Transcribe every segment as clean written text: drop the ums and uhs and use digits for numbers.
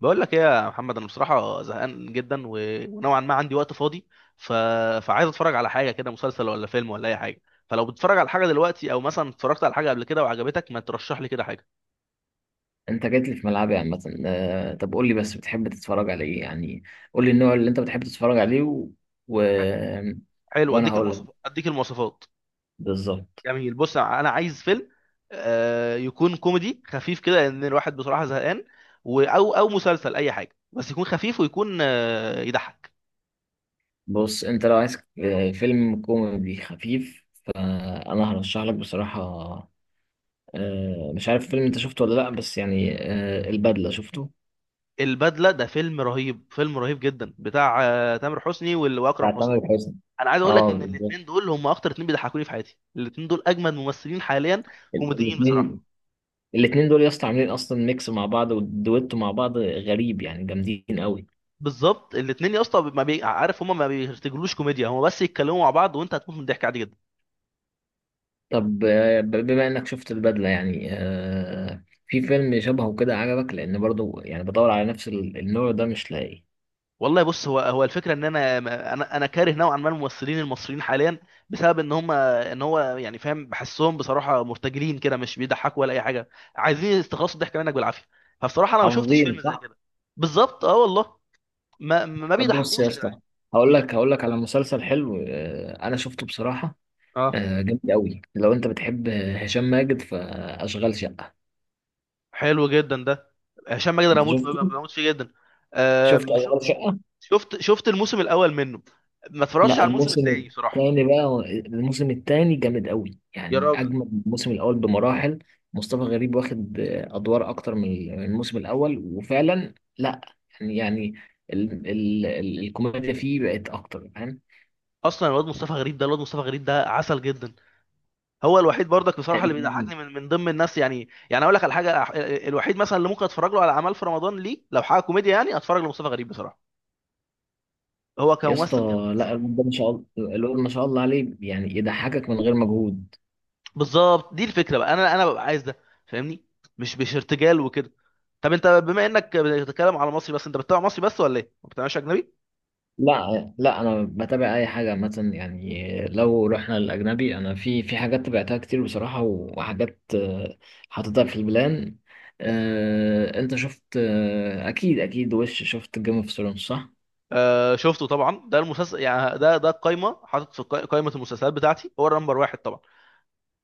بقول لك ايه يا محمد؟ انا بصراحه زهقان جدا، ونوعا ما عندي وقت فاضي. ف... فعايز اتفرج على حاجه كده، مسلسل ولا فيلم ولا اي حاجه. فلو بتتفرج على حاجه دلوقتي او مثلا اتفرجت على حاجه قبل كده وعجبتك، ما ترشح لي كده حاجه. انت جيت لي في ملعبي عامة، طب قول لي بس بتحب تتفرج على ايه يعني. قول لي النوع اللي انت بتحب تتفرج عليه و... و... ح- حلو، وانا اديك هقول لك المواصفات اديك المواصفات بالظبط. جميل، بص انا عايز فيلم، يكون كوميدي خفيف كده، لان الواحد بصراحه زهقان. او مسلسل، اي حاجه بس يكون خفيف ويكون يضحك. بص انت لو عايز فيلم كوميدي خفيف، فانا هرشح لك بصراحة. مش عارف فيلم انت شفته ولا لا، بس يعني البدلة، شفته البدله ده فيلم رهيب، فيلم رهيب جدا، بتاع تامر حسني واكرم بتاع تامر حسني. حسني. انا عايز اقول لك اه ان بالظبط. الاثنين دول هم اكتر اثنين بيضحكوني في حياتي، الاثنين دول اجمد ممثلين حاليا كوميديين الاثنين بصراحه. الاثنين دول يا اسطى عاملين اصلا ميكس مع بعض ودويتو مع بعض غريب، يعني جامدين قوي. بالظبط، الاثنين يا اسطى، ما بي... عارف، هم ما بيرتجلوش كوميديا، هم بس يتكلموا مع بعض وانت هتموت من الضحك عادي جدا. طب بما انك شفت البدلة، يعني في فيلم شبهه كده عجبك؟ لان برضو يعني بدور على نفس النوع ده مش لاقي. والله بص، هو هو الفكره ان انا كاره نوعا ما الممثلين المصريين حاليا، بسبب ان هم، ان هو يعني فاهم، بحسهم بصراحه مرتجلين كده، مش بيضحكوا ولا اي حاجه، عايزين يستخلصوا الضحك منك بالعافيه. فبصراحه انا ما شفتش عظيم، فيلم زي صح. كده. بالظبط اه والله، ما طب بص يا بيضحكوش يا جدعان. اسطى، هقول مم. لك هقول لك على مسلسل حلو، انا شفته بصراحة. اه. جامد قوي، لو انت بتحب هشام ماجد فاشغال شقة. حلو جدا ده، هشام ماجد انا انت بموت شفته؟ بموت فيه جدا. شفت آم، شو- اشغال شقة؟ شفت الموسم الاول منه، ما اتفرجتش لا على الموسم الموسم التاني صراحه. الثاني بقى الموسم الثاني جامد قوي، يا يعني راجل. اجمل من الموسم الاول بمراحل. مصطفى غريب واخد ادوار اكتر من الموسم الاول، وفعلا لا يعني يعني ال ال ال الكوميديا فيه بقت اكتر، فاهم؟ اصلا الواد مصطفى غريب ده، عسل جدا، هو الوحيد برضك بصراحه اللي بيضحكني من ضمن الناس، يعني اقول لك على حاجه. الوحيد مثلا اللي ممكن اتفرج له على اعمال في رمضان، ليه؟ لو حاجه كوميديا يعني اتفرج لمصطفى غريب بصراحه. هو يا اسطى كممثل جامد قوي لا، بصراحه. الواد ده ما شاء الله، الواد ما شاء الله عليه يعني يضحكك من غير مجهود. بالظبط، دي الفكره بقى، انا ببقى عايز ده، فاهمني؟ مش ارتجال وكده. طب انت بما انك بتتكلم على مصري بس، انت بتتابع مصري بس ولا ايه؟ ما بتتابعش اجنبي؟ لا انا بتابع اي حاجه، مثلا يعني لو رحنا للاجنبي انا في حاجات تابعتها كتير بصراحه، وحاجات حاططها في البلان. انت شفت اكيد اكيد شفت جيم اوف ثرونز صح؟ آه شفته طبعا، ده المسلسل يعني، ده القايمه، حاطط في قايمه المسلسلات بتاعتي هو النمبر واحد طبعا.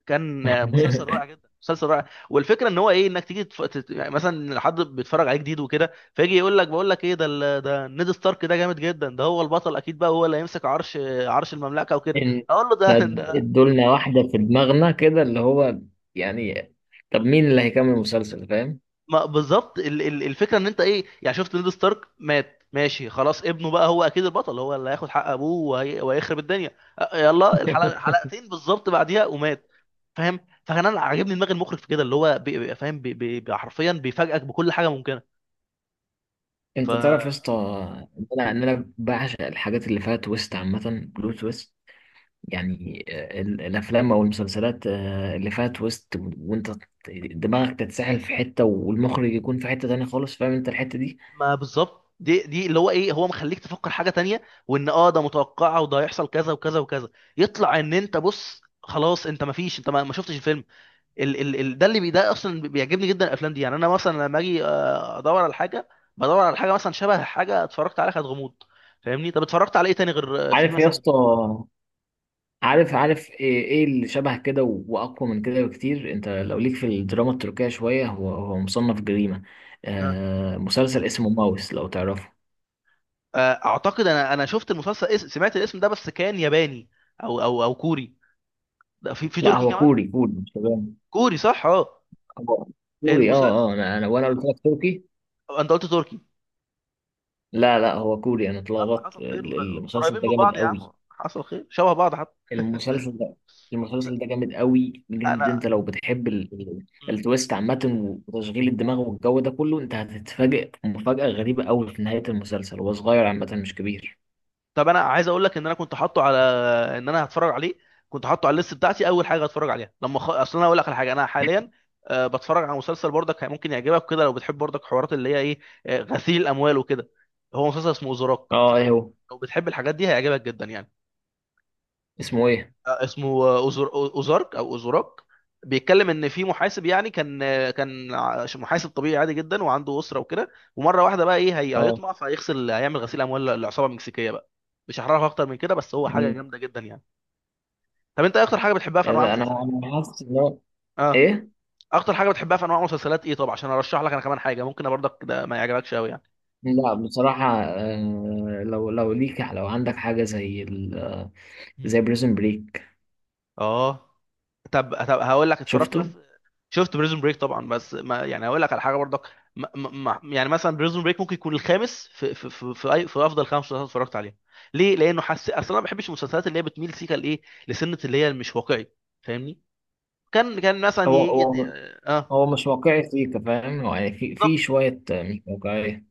كان مسلسل رائع جدا، مسلسل رائع. والفكره ان هو ايه، انك تيجي يعني مثلا لو حد بيتفرج عليه جديد وكده، فيجي يقول لك بقول لك ايه ده، ده نيد ستارك ده جامد جدا، ده هو البطل اكيد بقى، هو اللي هيمسك عرش، عرش المملكه وكده. إن- اقول له طب ده ادولنا واحده في دماغنا كده، اللي هو يعني طب مين اللي هيكمل المسلسل، فاهم؟ ما بالظبط، الفكره ان انت ايه يعني، شفت نيد ستارك مات ماشي خلاص، ابنه بقى هو اكيد البطل، هو اللي هياخد حق ابوه وهيخرب الدنيا. يلا الحلقه حلقتين بالظبط بعديها ومات، فاهم؟ فكان انا عاجبني دماغ المخرج في كده، اللي هو فاهم، حرفيا بيفاجئك بكل حاجه ممكنه. ف انت تعرف يا اسطى ان انا أنا بعشق الحاجات اللي فيها تويست عامه، بلوت تويست. يعني الافلام او المسلسلات اللي فيها تويست، وانت دماغك تتسحل في حته والمخرج يكون في حته تانية خالص، فاهم انت الحته دي؟ ما بالظبط، دي اللي هو ايه، هو مخليك تفكر حاجه تانية، وان اه ده متوقعه وده هيحصل كذا وكذا وكذا، يطلع ان انت بص خلاص، انت ما فيش، انت ما شفتش الفيلم. ال ال ال ده ده اصلا بيعجبني جدا الافلام دي، يعني انا مثلا لما اجي ادور على حاجه، بدور على حاجه مثلا شبه حاجه اتفرجت عليها كانت غموض، فاهمني؟ طب اتفرجت على ايه تاني غير في عارف يا مثلا؟ اسطى، عارف ايه اللي شبه كده واقوى من كده بكتير؟ انت لو ليك في الدراما التركية شويه، هو مصنف جريمه، اه. آه مسلسل اسمه ماوس لو تعرفه. اعتقد انا شفت المسلسل، سمعت الاسم ده بس كان ياباني او كوري، ده في لا تركي هو كمان؟ كوري، كوري مش ياباني. كوري، صح، اه. هو كوري اه. المسلسل. اه انا انا قلت لك تركي. انت قلت تركي. لا لا، هو كوري، انا يلا اتلخبطت. حصل خير، المسلسل قريبين ده من جامد بعض يا عم، قوي. حصل خير، شبه بعض حتى. المسلسل ده، بس المسلسل ده جامد قوي بجد. انا. انت لو بتحب التويست عامة وتشغيل الدماغ والجو ده كله، انت هتتفاجئ مفاجأة غريبة قوي في نهاية المسلسل. هو صغير عامة، مش كبير. طب انا عايز اقول لك ان انا كنت حاطه على، ان انا هتفرج عليه، كنت حاطه على الليست بتاعتي اول حاجه هتفرج عليها لما اصل انا اقول لك على حاجه، انا حاليا بتفرج على مسلسل برضك ممكن يعجبك كده، لو بتحب برضك حوارات اللي هي ايه، غسيل الاموال وكده، هو مسلسل اسمه اوزراك. اه ايه هو؟ لو بتحب الحاجات دي هيعجبك جدا يعني. اسمه ايه؟ اسمه اوزارك او اوزوراك. بيتكلم ان في محاسب، يعني كان محاسب طبيعي عادي جدا، وعنده اسره وكده، ومره واحده بقى ايه هي، اه هيطمع فهيغسل، هيعمل غسيل اموال للعصابه المكسيكيه بقى. مش هحرقها اكتر من كده بس هو حاجه مم. جامده جدا يعني. طب انت إيه اكتر حاجه بتحبها في انواع انا المسلسلات يعني؟ انا حاسس ان هو اه. ايه. اكتر حاجه بتحبها في انواع المسلسلات ايه، طب عشان ارشح لك انا كمان حاجه ممكن برضك ده ما يعجبكش قوي يعني. لا بصراحة آه، لو لو ليك لو عندك حاجة زي ال... آه، مم. زي بريزن بريك. اه. طب هقول لك اتفرجت بس، شفته. شفت بريزون بريك طبعا، بس ما يعني اقول لك على حاجه برضك، يعني مثلا بريزون بريك ممكن يكون الخامس أي في افضل خمس مسلسلات اتفرجت عليها، ليه؟ لانه حس اصلا انا ما بحبش المسلسلات اللي هي بتميل سيكا لايه، لسنه اللي هي مش واقعي، فاهمني؟ كان مثلا هو يجي. هو اه. هو مش واقعي سيكا، فاهم؟ هو يعني في بالظبط، شوية مش واقعية.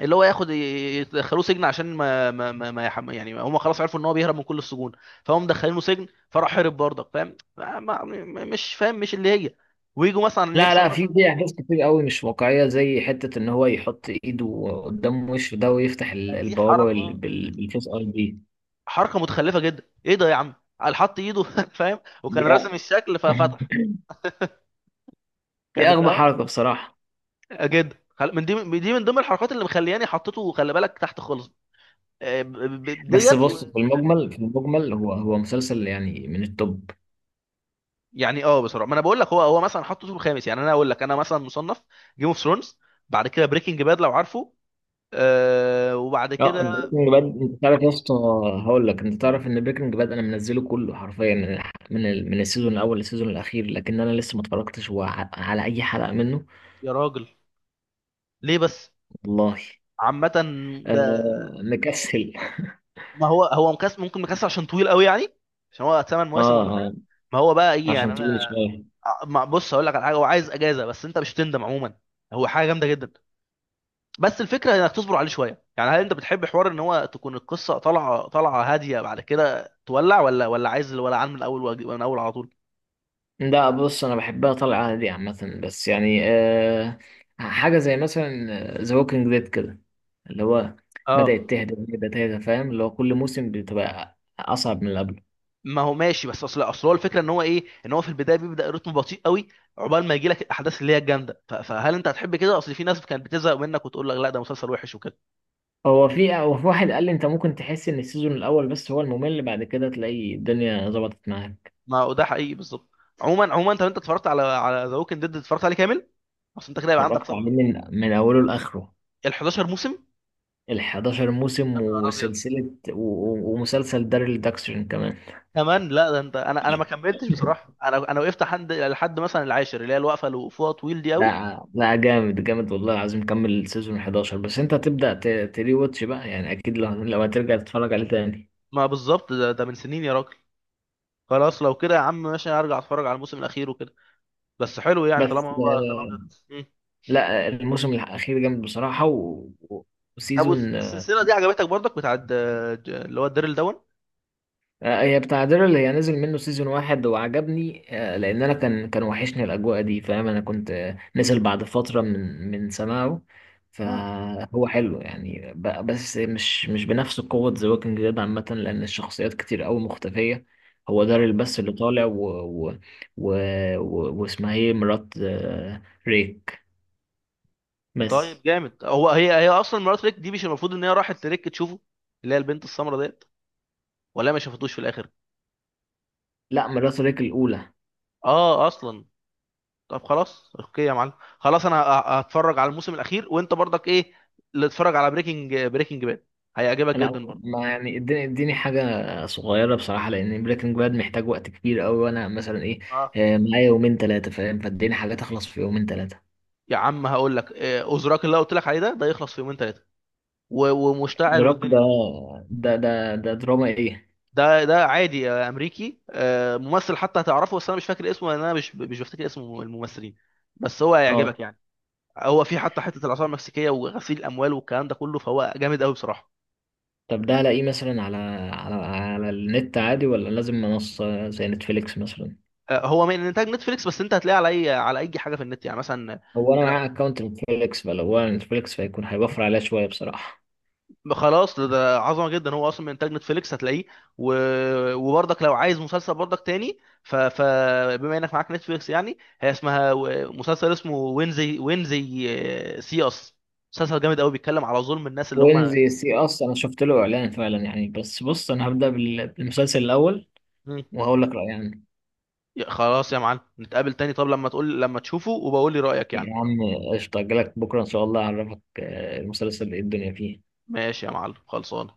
اللي هو ياخد يدخلوه سجن عشان ما ما ما, ما يحم... يعني هم خلاص عرفوا ان هو بيهرب من كل السجون، فهم مدخلينه سجن فراح هرب برضك، فاهم؟ ما ما مش فاهم، مش اللي هي. ويجوا مثلا لا يحصل لا، في مثلا. في احداث كتير قوي مش واقعيه، زي حته ان هو يحط ايده قدام وشه ده، ويفتح دي حركه، بالفيس اي دي. حركه متخلفه جدا، ايه ده يا عم؟ قال حط ايده فاهم، دي وكان راسم أ- الشكل ففتح. دي كانت اغبى اه حركه بصراحه. جدا، من دي، من دي، من ضمن الحركات اللي مخلياني حطيته خلي بالك تحت خالص. بس ديت. بص، في المجمل في المجمل، هو مسلسل يعني من التوب. يعني اه بصراحه، ما انا بقول لك، هو هو مثلا حطيته الخامس، يعني انا اقول لك انا مثلا مصنف جيم اوف ثرونز، بعد كده بريكنج باد لو عارفه، آه، وبعد اه كده. بريكنج باد، انت تعرف يا اسطى، هقول لك، انت تعرف ان بريكنج باد انا منزله كله حرفيا من من السيزون الاول للسيزون الاخير، لكن انا لسه ما اتفرجتش على اي حلقه منه. يا راجل، ليه بس؟ والله عامه، ده آه مكسل. ما هو، هو مكسر، ممكن مكسر عشان طويل قوي يعني، عشان هو ثمان مواسم اه ولا اه، حاجه. ما هو بقى ايه يعني عشان طويل انا شويه. بص هقول لك على حاجه، هو عايز اجازه بس انت مش هتندم عموما، هو حاجه جامده جدا، بس الفكره انك تصبر عليه شويه يعني. هل انت بتحب حوار ان هو تكون القصه طالعه، طالعه هاديه، بعد كده تولع، ولا عايز الولعان من الاول، من الاول على طول؟ لا بص، انا بحبها طالعه عادي عامه. بس يعني أه حاجه زي مثلا ذا ووكينج ديد كده، اللي هو اه. بدات تهدى، بدات تهدى، فاهم؟ اللي هو كل موسم بتبقى اصعب من اللي قبله. ما هو ماشي، بس اصل هو الفكره ان هو ايه، ان هو في البدايه بيبدا رتم بطيء قوي عقبال ما يجي لك الاحداث اللي هي الجامده. فهل انت هتحب كده؟ اصل في ناس كانت بتزهق منك وتقول لك لا ده مسلسل وحش وكده. هو في واحد قال لي انت ممكن تحس ان السيزون الاول بس هو الممل، بعد كده تلاقي الدنيا ظبطت معاك. ما هو ده حقيقي بالظبط. عموما، عموما، طب انت اتفرجت على، على ذا ووكينج ديد؟ اتفرجت عليه كامل؟ اصل انت كده يبقى عندك اتفرجت عليه صبر. من اوله لاخره، ال 11 موسم؟ ال 11 موسم انا نهار ابيض. وسلسله و- و- ومسلسل داريل داكسون كمان. كمان؟ لا ده انت، انا ما كملتش بصراحه، انا وقفت لحد، لحد مثلا العاشر، اللي هي الوقفه اللي وقفوها طويل دي قوي. لا جامد جامد، والله العظيم كمل سيزون 11. بس انت هتبدأ تري واتش بقى يعني، اكيد لو لو هترجع تتفرج عليه تاني. ما بالظبط، ده من سنين يا راجل. خلاص، لو كده يا عم ماشي، ارجع اتفرج على الموسم الاخير وكده، بس حلو يعني، بس طالما هو طالما كده. مم. لا الموسم الاخير جامد بصراحة، طب وسيزون، والسلسله دي عجبتك برضك؟ بتاعت اللي هو الديرل دون؟ هي بتاع دير، اللي هي نزل منه سيزون واحد وعجبني، لان انا كان وحشني الاجواء دي، فاهم؟ انا كنت نزل بعد فتره من سماعه. اه. فهو حلو يعني، بس مش مش بنفس قوه ذا ووكينج ديد عامه، لان الشخصيات كتير قوي مختفيه. هو داريل بس اللي طالع و و و و- واسمها ايه مرات ريك طيب بس. جامد. هو هي، هي اصلا مرات ريك دي مش المفروض ان هي راحت لريك تشوفه، اللي هي البنت السمراء ديت، ولا ما شافتوش في الاخر؟ لا مرات ريك الاولى. اه، اصلا. طب خلاص اوكي يا معلم، خلاص انا هتفرج على الموسم الاخير، وانت برضك ايه اللي اتفرج على بريكنج باد هيعجبك لا، جدا برضه. ما يعني، اديني حاجة صغيرة بصراحة، لأن بريكنج باد محتاج وقت كبير أوي. وأنا مثلا إيه اه. معايا يومين تلاتة، فاهم؟ فاديني حاجة تخلص في يومين تلاتة. يا عم هقول لك، اوزراك اللي أنا قلت لك عليه ده، ده يخلص في يومين ثلاثه، ومشتعل روك والدنيا ده؟ جامده. ده دراما إيه؟ ده ده عادي، امريكي، ممثل حتى هتعرفه بس انا مش فاكر اسمه، لان انا مش بفتكر اسم الممثلين، بس هو هيعجبك أه. يعني. هو في حتى حته الاثار المكسيكيه وغسيل الاموال والكلام ده كله، فهو جامد قوي بصراحه. طب ده ألاقيه مثلا على على النت عادي، ولا لازم منصة زي نتفليكس مثلا؟ هو من انتاج نتفليكس، بس انت هتلاقيه على اي حاجه في النت يعني مثلا. هو أنا لو معايا أكونت نتفليكس، فلو هو نتفليكس فيكون هيوفر عليا شوية بصراحة. خلاص، ده عظمه جدا، هو اصلا من انتاج نتفليكس هتلاقيه. و... وبرضك لو عايز مسلسل برضك تاني، فبما انك معاك نتفليكس يعني، هي اسمها مسلسل اسمه وينزي سي اس، مسلسل جامد قوي، بيتكلم على ظلم الناس اللي وين هم. زي سي، أصلا أنا شفت له إعلان فعلا يعني. بس بص أنا هبدأ بالمسلسل الأول مم. وهقول لك رأيي عنه. خلاص يا معلم، نتقابل تاني طب لما تقول، لما تشوفه وبقول لي رايك يعني. يا عم قشطة، أجيلك بكرة إن شاء الله أعرفك المسلسل إيه الدنيا فيه. ماشي يا معلم، خلصان.